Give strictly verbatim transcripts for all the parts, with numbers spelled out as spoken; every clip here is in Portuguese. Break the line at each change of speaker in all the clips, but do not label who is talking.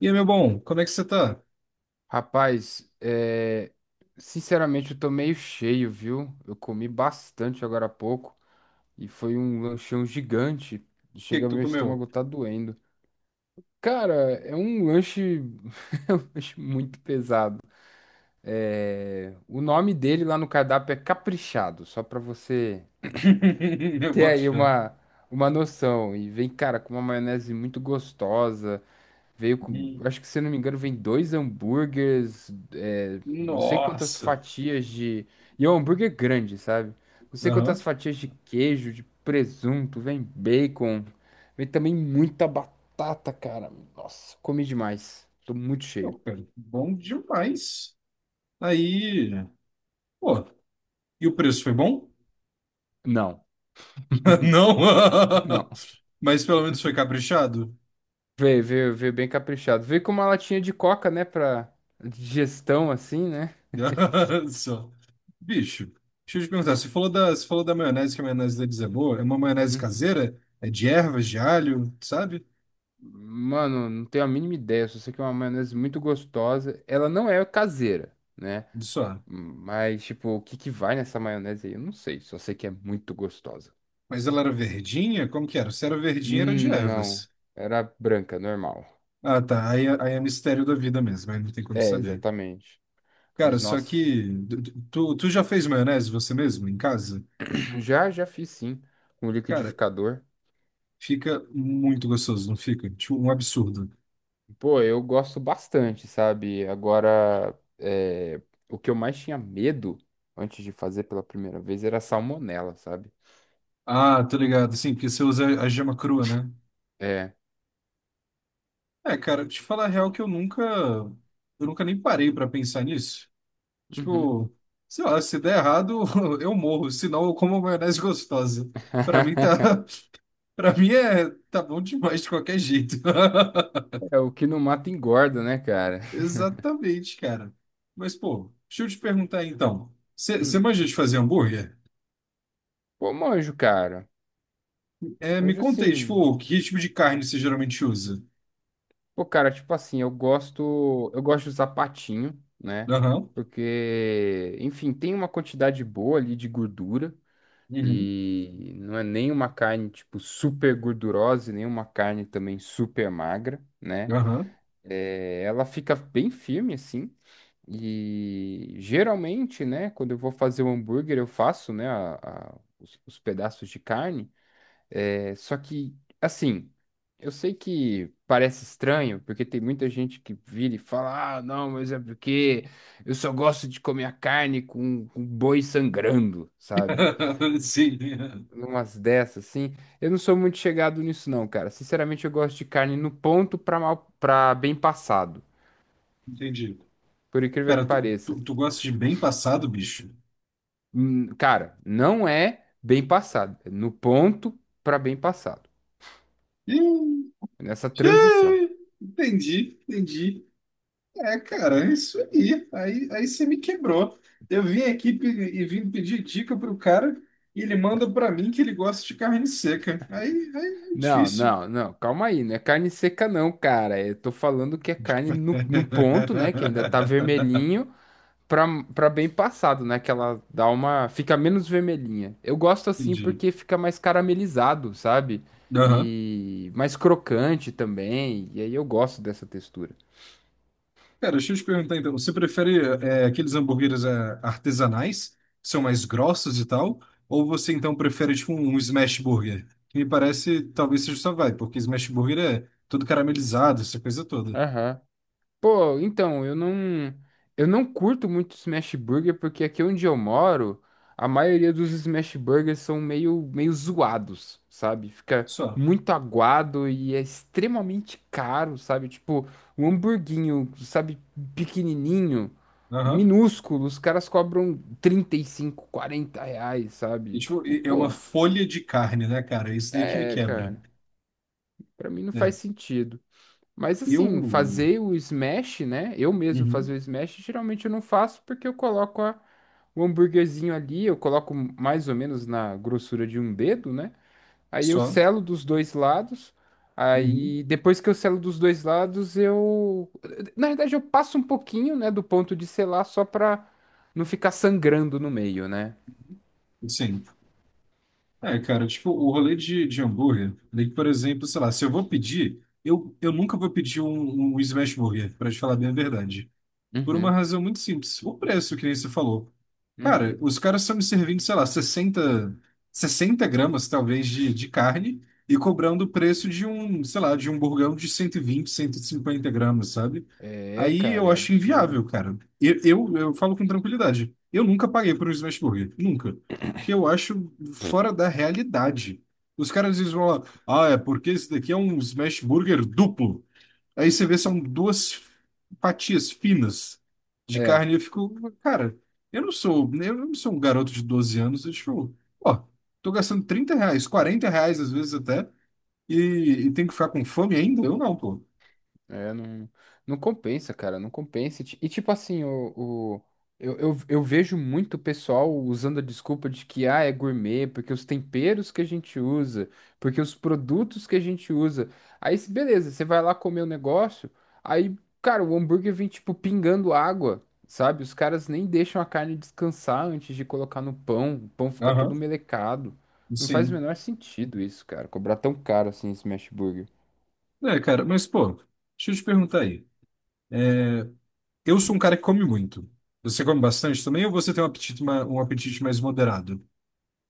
E aí, meu bom, como é que você tá? O
Rapaz, é, sinceramente eu tô meio cheio, viu? Eu comi bastante agora há pouco e foi um lanchão gigante.
que que
Chega,
tu
meu
comeu?
estômago tá doendo. Cara, é um lanche, é um lanche muito pesado. É, o nome dele lá no cardápio é Caprichado, só pra você
Eu
ter
boto
aí
fé.
uma, uma noção. E vem, cara, com uma maionese muito gostosa. Veio com,
Hum.
acho que se eu não me engano, vem dois hambúrgueres, é, não sei quantas
Nossa.
fatias de. E é um hambúrguer grande, sabe? Não sei quantas
Aham.
fatias de queijo, de presunto, vem bacon, vem também muita batata, cara. Nossa, comi demais. Tô muito cheio.
Pô, cara, bom demais. Aí, pô, e o preço foi bom?
Não,
Não.
não.
Mas pelo menos foi caprichado?
Veio, veio, veio bem caprichado. Veio com uma latinha de coca, né, pra digestão, assim, né?
Só. Bicho, deixa eu te perguntar, você falou da, você falou da maionese, que a maionese deles é boa. É uma maionese
Uhum.
caseira? É de ervas, de alho, sabe?
Mano, não tenho a mínima ideia. Só sei que é uma maionese muito gostosa. Ela não é caseira, né?
Só.
Mas, tipo, o que que vai nessa maionese aí? Eu não sei, só sei que é muito gostosa.
Mas ela era verdinha? Como que era? Se era verdinha, era de
Hum, não.
ervas.
Era branca, normal.
Ah, tá. Aí, é- aí é mistério da vida mesmo, aí não tem como
É,
saber.
exatamente.
Cara,
Mas,
só
nossa,
que tu, tu já fez maionese você mesmo em casa?
já, já fiz sim, com
Cara,
liquidificador.
fica muito gostoso, não fica? Tipo, um absurdo.
Pô, eu gosto bastante, sabe? Agora, é, o que eu mais tinha medo antes de fazer pela primeira vez era salmonela, sabe?
Ah, tô ligado. Sim, porque você usa a gema crua, né?
É.
É, cara, te falar a real que eu nunca, eu nunca nem parei pra pensar nisso.
Uhum.
Tipo, sei lá, se der errado, eu morro, senão eu como maionese gostosa. Pra mim tá, Para mim é tá bom demais de qualquer jeito.
É, o que não mata engorda, né, cara?
Exatamente, cara. Mas, pô, deixa eu te perguntar aí, então. Você
Hum.
manja de fazer hambúrguer?
Pô, manjo, cara.
É, me
Manjo
conta aí,
sim.
tipo, que tipo de carne você geralmente usa?
Pô, cara, tipo assim, eu gosto, eu gosto de usar patinho, né?
Aham.
Porque, enfim, tem uma quantidade boa ali de gordura
Uhum.
e não é nem uma carne tipo super gordurosa, e nem uma carne também super magra, né?
Aham.
Ela fica bem firme assim. E geralmente, né, quando eu vou fazer o hambúrguer, eu faço, né, a- a- os, os pedaços de carne. É, só que, assim, eu sei que parece estranho, porque tem muita gente que vira e fala: ah, não, mas é porque eu só gosto de comer a carne com, com boi sangrando, sabe?
Sim.
Umas dessas, assim. Eu não sou muito chegado nisso, não, cara. Sinceramente, eu gosto de carne no ponto pra, mal, pra bem passado,
Entendi.
por incrível
Pera,
que
tu,
pareça.
tu, tu gosta de bem passado, bicho?
Hum, cara, não é bem passado, é no ponto pra bem passado,
Ih,
nessa transição.
ih, entendi, entendi. É, cara, é isso aí. Aí, aí você me quebrou. Eu vim aqui pe- e vim pedir dica pro cara e ele manda pra mim que ele gosta de carne seca. Aí, aí é
Não,
difícil.
não, não, calma aí, não é carne seca não, cara. Eu tô falando que é carne no, no ponto, né? Que ainda tá vermelhinho pra, pra bem passado, né? Que ela dá uma. Fica menos vermelhinha. Eu gosto assim
Entendi.
porque fica mais caramelizado, sabe?
Aham.
E mais crocante também. E aí eu gosto dessa textura.
Cara, deixa eu te perguntar então. Você prefere é, aqueles hambúrgueres é, artesanais, que são mais grossos e tal? Ou você então prefere tipo um smash burger? Que me parece talvez seja só vai, porque smash burger é todo caramelizado, essa coisa toda.
Aham. Pô, então, eu não, eu não curto muito Smash Burger porque aqui onde eu moro, a maioria dos Smash Burgers são meio, meio zoados, sabe? Fica
Só.
muito aguado e é extremamente caro, sabe? Tipo, um hamburguinho, sabe, pequenininho,
Aham.
minúsculo, os caras cobram trinta e cinco quarenta reais,
E,
sabe?
tipo,
Tipo,
e- é uma
pô,
folha de carne, né, cara? É isso daí que ele
é,
quebra,
cara, pra mim não faz
né?
sentido. Mas assim,
Eu...
fazer o smash, né? Eu mesmo fazer
Uhum.
o smash, geralmente eu não faço porque eu coloco a- o hambúrguerzinho ali, eu coloco mais ou menos na grossura de um dedo, né? Aí eu
Só?
selo dos dois lados.
Uhum.
Aí depois que eu selo dos dois lados, eu na verdade eu passo um pouquinho, né, do ponto de selar só pra não ficar sangrando no meio, né?
Sim. É, cara, tipo, o rolê de, de, hambúrguer, daí, por exemplo, sei lá, se eu vou pedir, eu, eu nunca vou pedir um, um smash burger, pra te falar bem a verdade. Por uma
Uhum,
razão muito simples. O preço, que nem você falou. Cara,
uhum.
os caras estão me servindo, sei lá, sessenta sessenta gramas, talvez, de, de carne e cobrando o preço de um, sei lá, de um burgão de cento cento e vinte, cento e cinquenta gramas, sabe?
É,
Aí
cara,
eu
é
acho
absurdo.
inviável, cara. Eu, eu, eu falo com tranquilidade. Eu nunca paguei por um smash burger. Nunca. Porque eu acho fora da realidade. Os caras às vezes vão lá, ah, é porque esse daqui é um smash burger duplo. Aí você vê, são duas fatias finas de
É,
carne. E eu fico, cara, eu não sou, eu não sou um garoto de doze anos. Eu tipo, ó, tô gastando trinta reais, quarenta reais às vezes até, e, e tenho que ficar com fome ainda? Eu não, pô.
É, não, não compensa, cara, não compensa. E, ti- e tipo assim, o, o- eu, eu, eu vejo muito pessoal usando a desculpa de que, ah, é gourmet, porque os temperos que a gente usa, porque os produtos que a gente usa. Aí, se- beleza, você vai lá comer o negócio, aí, cara, o hambúrguer vem, tipo, pingando água, sabe? Os caras nem deixam a carne descansar antes de colocar no pão, o pão fica todo
Aham,
melecado. Não faz o
sim.
menor sentido isso, cara, cobrar tão caro assim esse smash burger.
É, cara, mas, pô, deixa eu te perguntar aí. Eu sou um cara que come muito. Você come bastante também ou você tem um apetite, ma- um apetite mais moderado?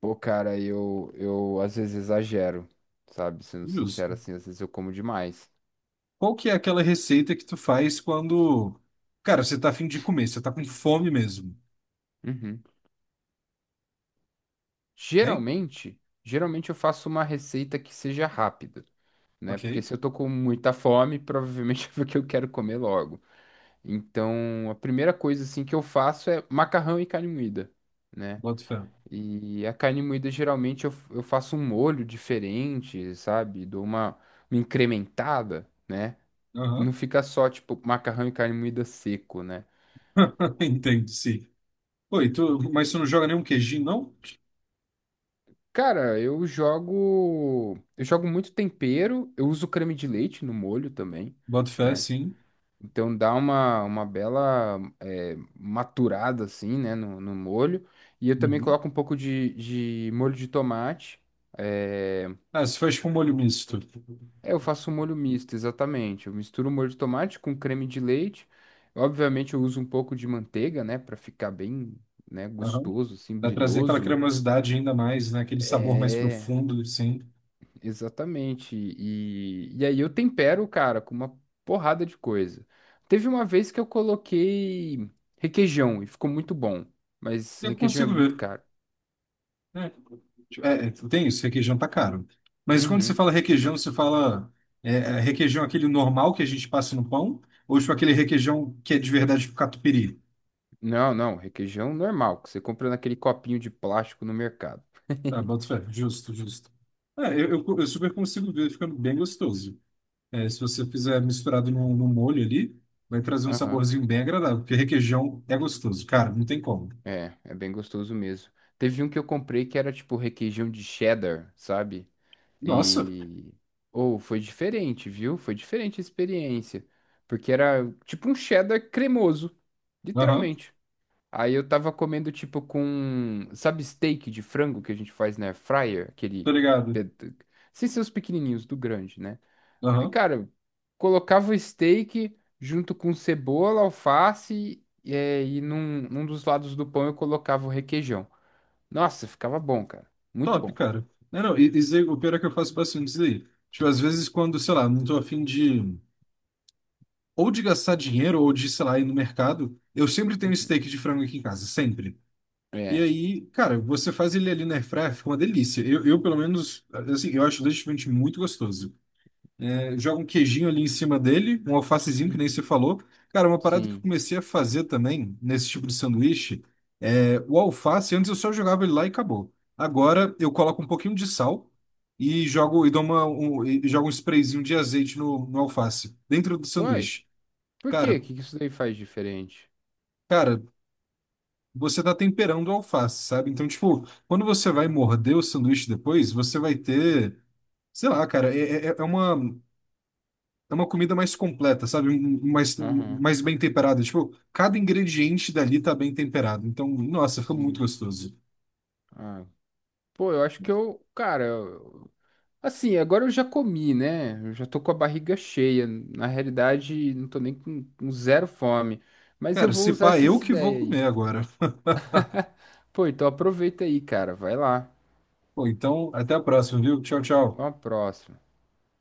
Pô, cara, eu, eu às vezes exagero, sabe? Sendo sincero
Justo.
assim, às vezes eu como demais.
Qual que é aquela receita que tu faz quando, cara, você tá afim de comer, você tá com fome mesmo?
Uhum.
Hein?
Geralmente, geralmente eu faço uma receita que seja rápida, né?
Ok,
Porque se eu tô com muita fome, provavelmente é porque eu quero comer logo. Então, a primeira coisa assim que eu faço é macarrão e carne moída, né?
boto fé.
E a carne moída geralmente eu, eu faço um molho diferente, sabe? Dou uma, uma incrementada, né? Não
Aham,
fica só tipo macarrão e carne moída seco, né?
entendo, sim. Oi, tu, mas tu não joga nenhum queijinho, não?
Cara, eu jogo. Eu jogo muito tempero, eu uso creme de leite no molho também,
Boto fé,
né?
sim.
Então dá uma, uma bela é, maturada assim, né, no, no molho. E eu também
Uhum.
coloco um pouco de, de molho de tomate. É...
Ah, se faz com molho misto.
é, eu faço um molho misto, exatamente. Eu misturo o molho de tomate com creme de leite. Obviamente eu uso um pouco de manteiga, né, pra ficar bem, né,
Aham.
gostoso, assim,
Pra trazer aquela
brilhoso.
cremosidade ainda mais, né? Aquele sabor mais
É.
profundo, assim.
Exatamente. E, e aí eu tempero, cara, com uma porrada de coisa. Teve uma vez que eu coloquei requeijão e ficou muito bom, mas
Eu
requeijão é
consigo
muito
ver,
caro.
né? É, é, tem isso, requeijão tá caro. Mas quando você
Uhum.
fala requeijão, você fala é, é, requeijão aquele normal que a gente passa no pão? Ou tipo aquele requeijão que é de verdade pro catupiry?
Não, não, requeijão normal, que você compra naquele copinho de plástico no mercado.
Ah, boto fé. Justo, justo. É, eu, eu, eu super consigo ver ficando bem gostoso. É, se você fizer misturado no, no, molho ali, vai trazer um
Aham.
saborzinho bem agradável, porque requeijão é gostoso, cara, não tem como.
É, é bem gostoso mesmo. Teve um que eu comprei que era tipo requeijão de cheddar, sabe?
Nossa,
E. Ou foi diferente, viu? Foi diferente a experiência. Porque era tipo um cheddar cremoso.
aham,
Literalmente. Aí eu tava comendo tipo com. Sabe, steak de frango que a gente faz na air fryer?
tô
Aquele.
ligado.
pe- Sem ser os pequenininhos, do grande, né? Aí,
Aham,
cara, colocava o steak junto com cebola, alface. E, é, e num, num dos lados do pão eu colocava o requeijão. Nossa, ficava bom, cara. Muito
top,
bom.
cara. Não, não, e- isso aí, o pior é que eu faço bastante isso aí. Tipo, às vezes quando, sei lá, não tô afim de, ou de gastar dinheiro, ou de, sei lá, ir no mercado, eu sempre tenho
Uhum.
steak de frango aqui em casa, sempre. E
É.
aí, cara, você faz ele ali na airfryer, fica uma delícia. Eu, eu, pelo menos, assim, eu acho legitimamente muito gostoso. É, joga um queijinho ali em cima dele, um alfacezinho, que nem você
Uhum.
falou. Cara, uma parada que eu
Sim.
comecei a fazer também, nesse tipo de sanduíche, é, o alface, antes eu só jogava ele lá e acabou. Agora eu coloco um pouquinho de sal e jogo, e dou uma, um, e jogo um sprayzinho de azeite no, no, alface, dentro do
Uai,
sanduíche.
por quê?
Cara,
O que que isso daí faz diferente?
cara, você tá temperando a alface, sabe? Então, tipo, quando você vai morder o sanduíche depois, você vai ter, sei lá, cara, é, é, é uma, é uma comida mais completa, sabe? Um- um- Mais, um-
Aham,
mais bem temperada. Tipo, cada ingrediente dali tá bem temperado. Então, nossa, ficou muito
sim.
gostoso.
Ah, pô, eu acho que eu, cara, eu- assim, agora eu já comi, né? Eu já tô com a barriga cheia. Na realidade, não tô nem com, com zero fome. Mas eu
Cara,
vou
se
usar
pá,
essa,
eu
essa
que
ideia
vou
aí.
comer agora.
Pô, então aproveita aí, cara. Vai lá.
Pô, então, até a próxima, viu? Tchau,
Até
tchau.
uma próxima.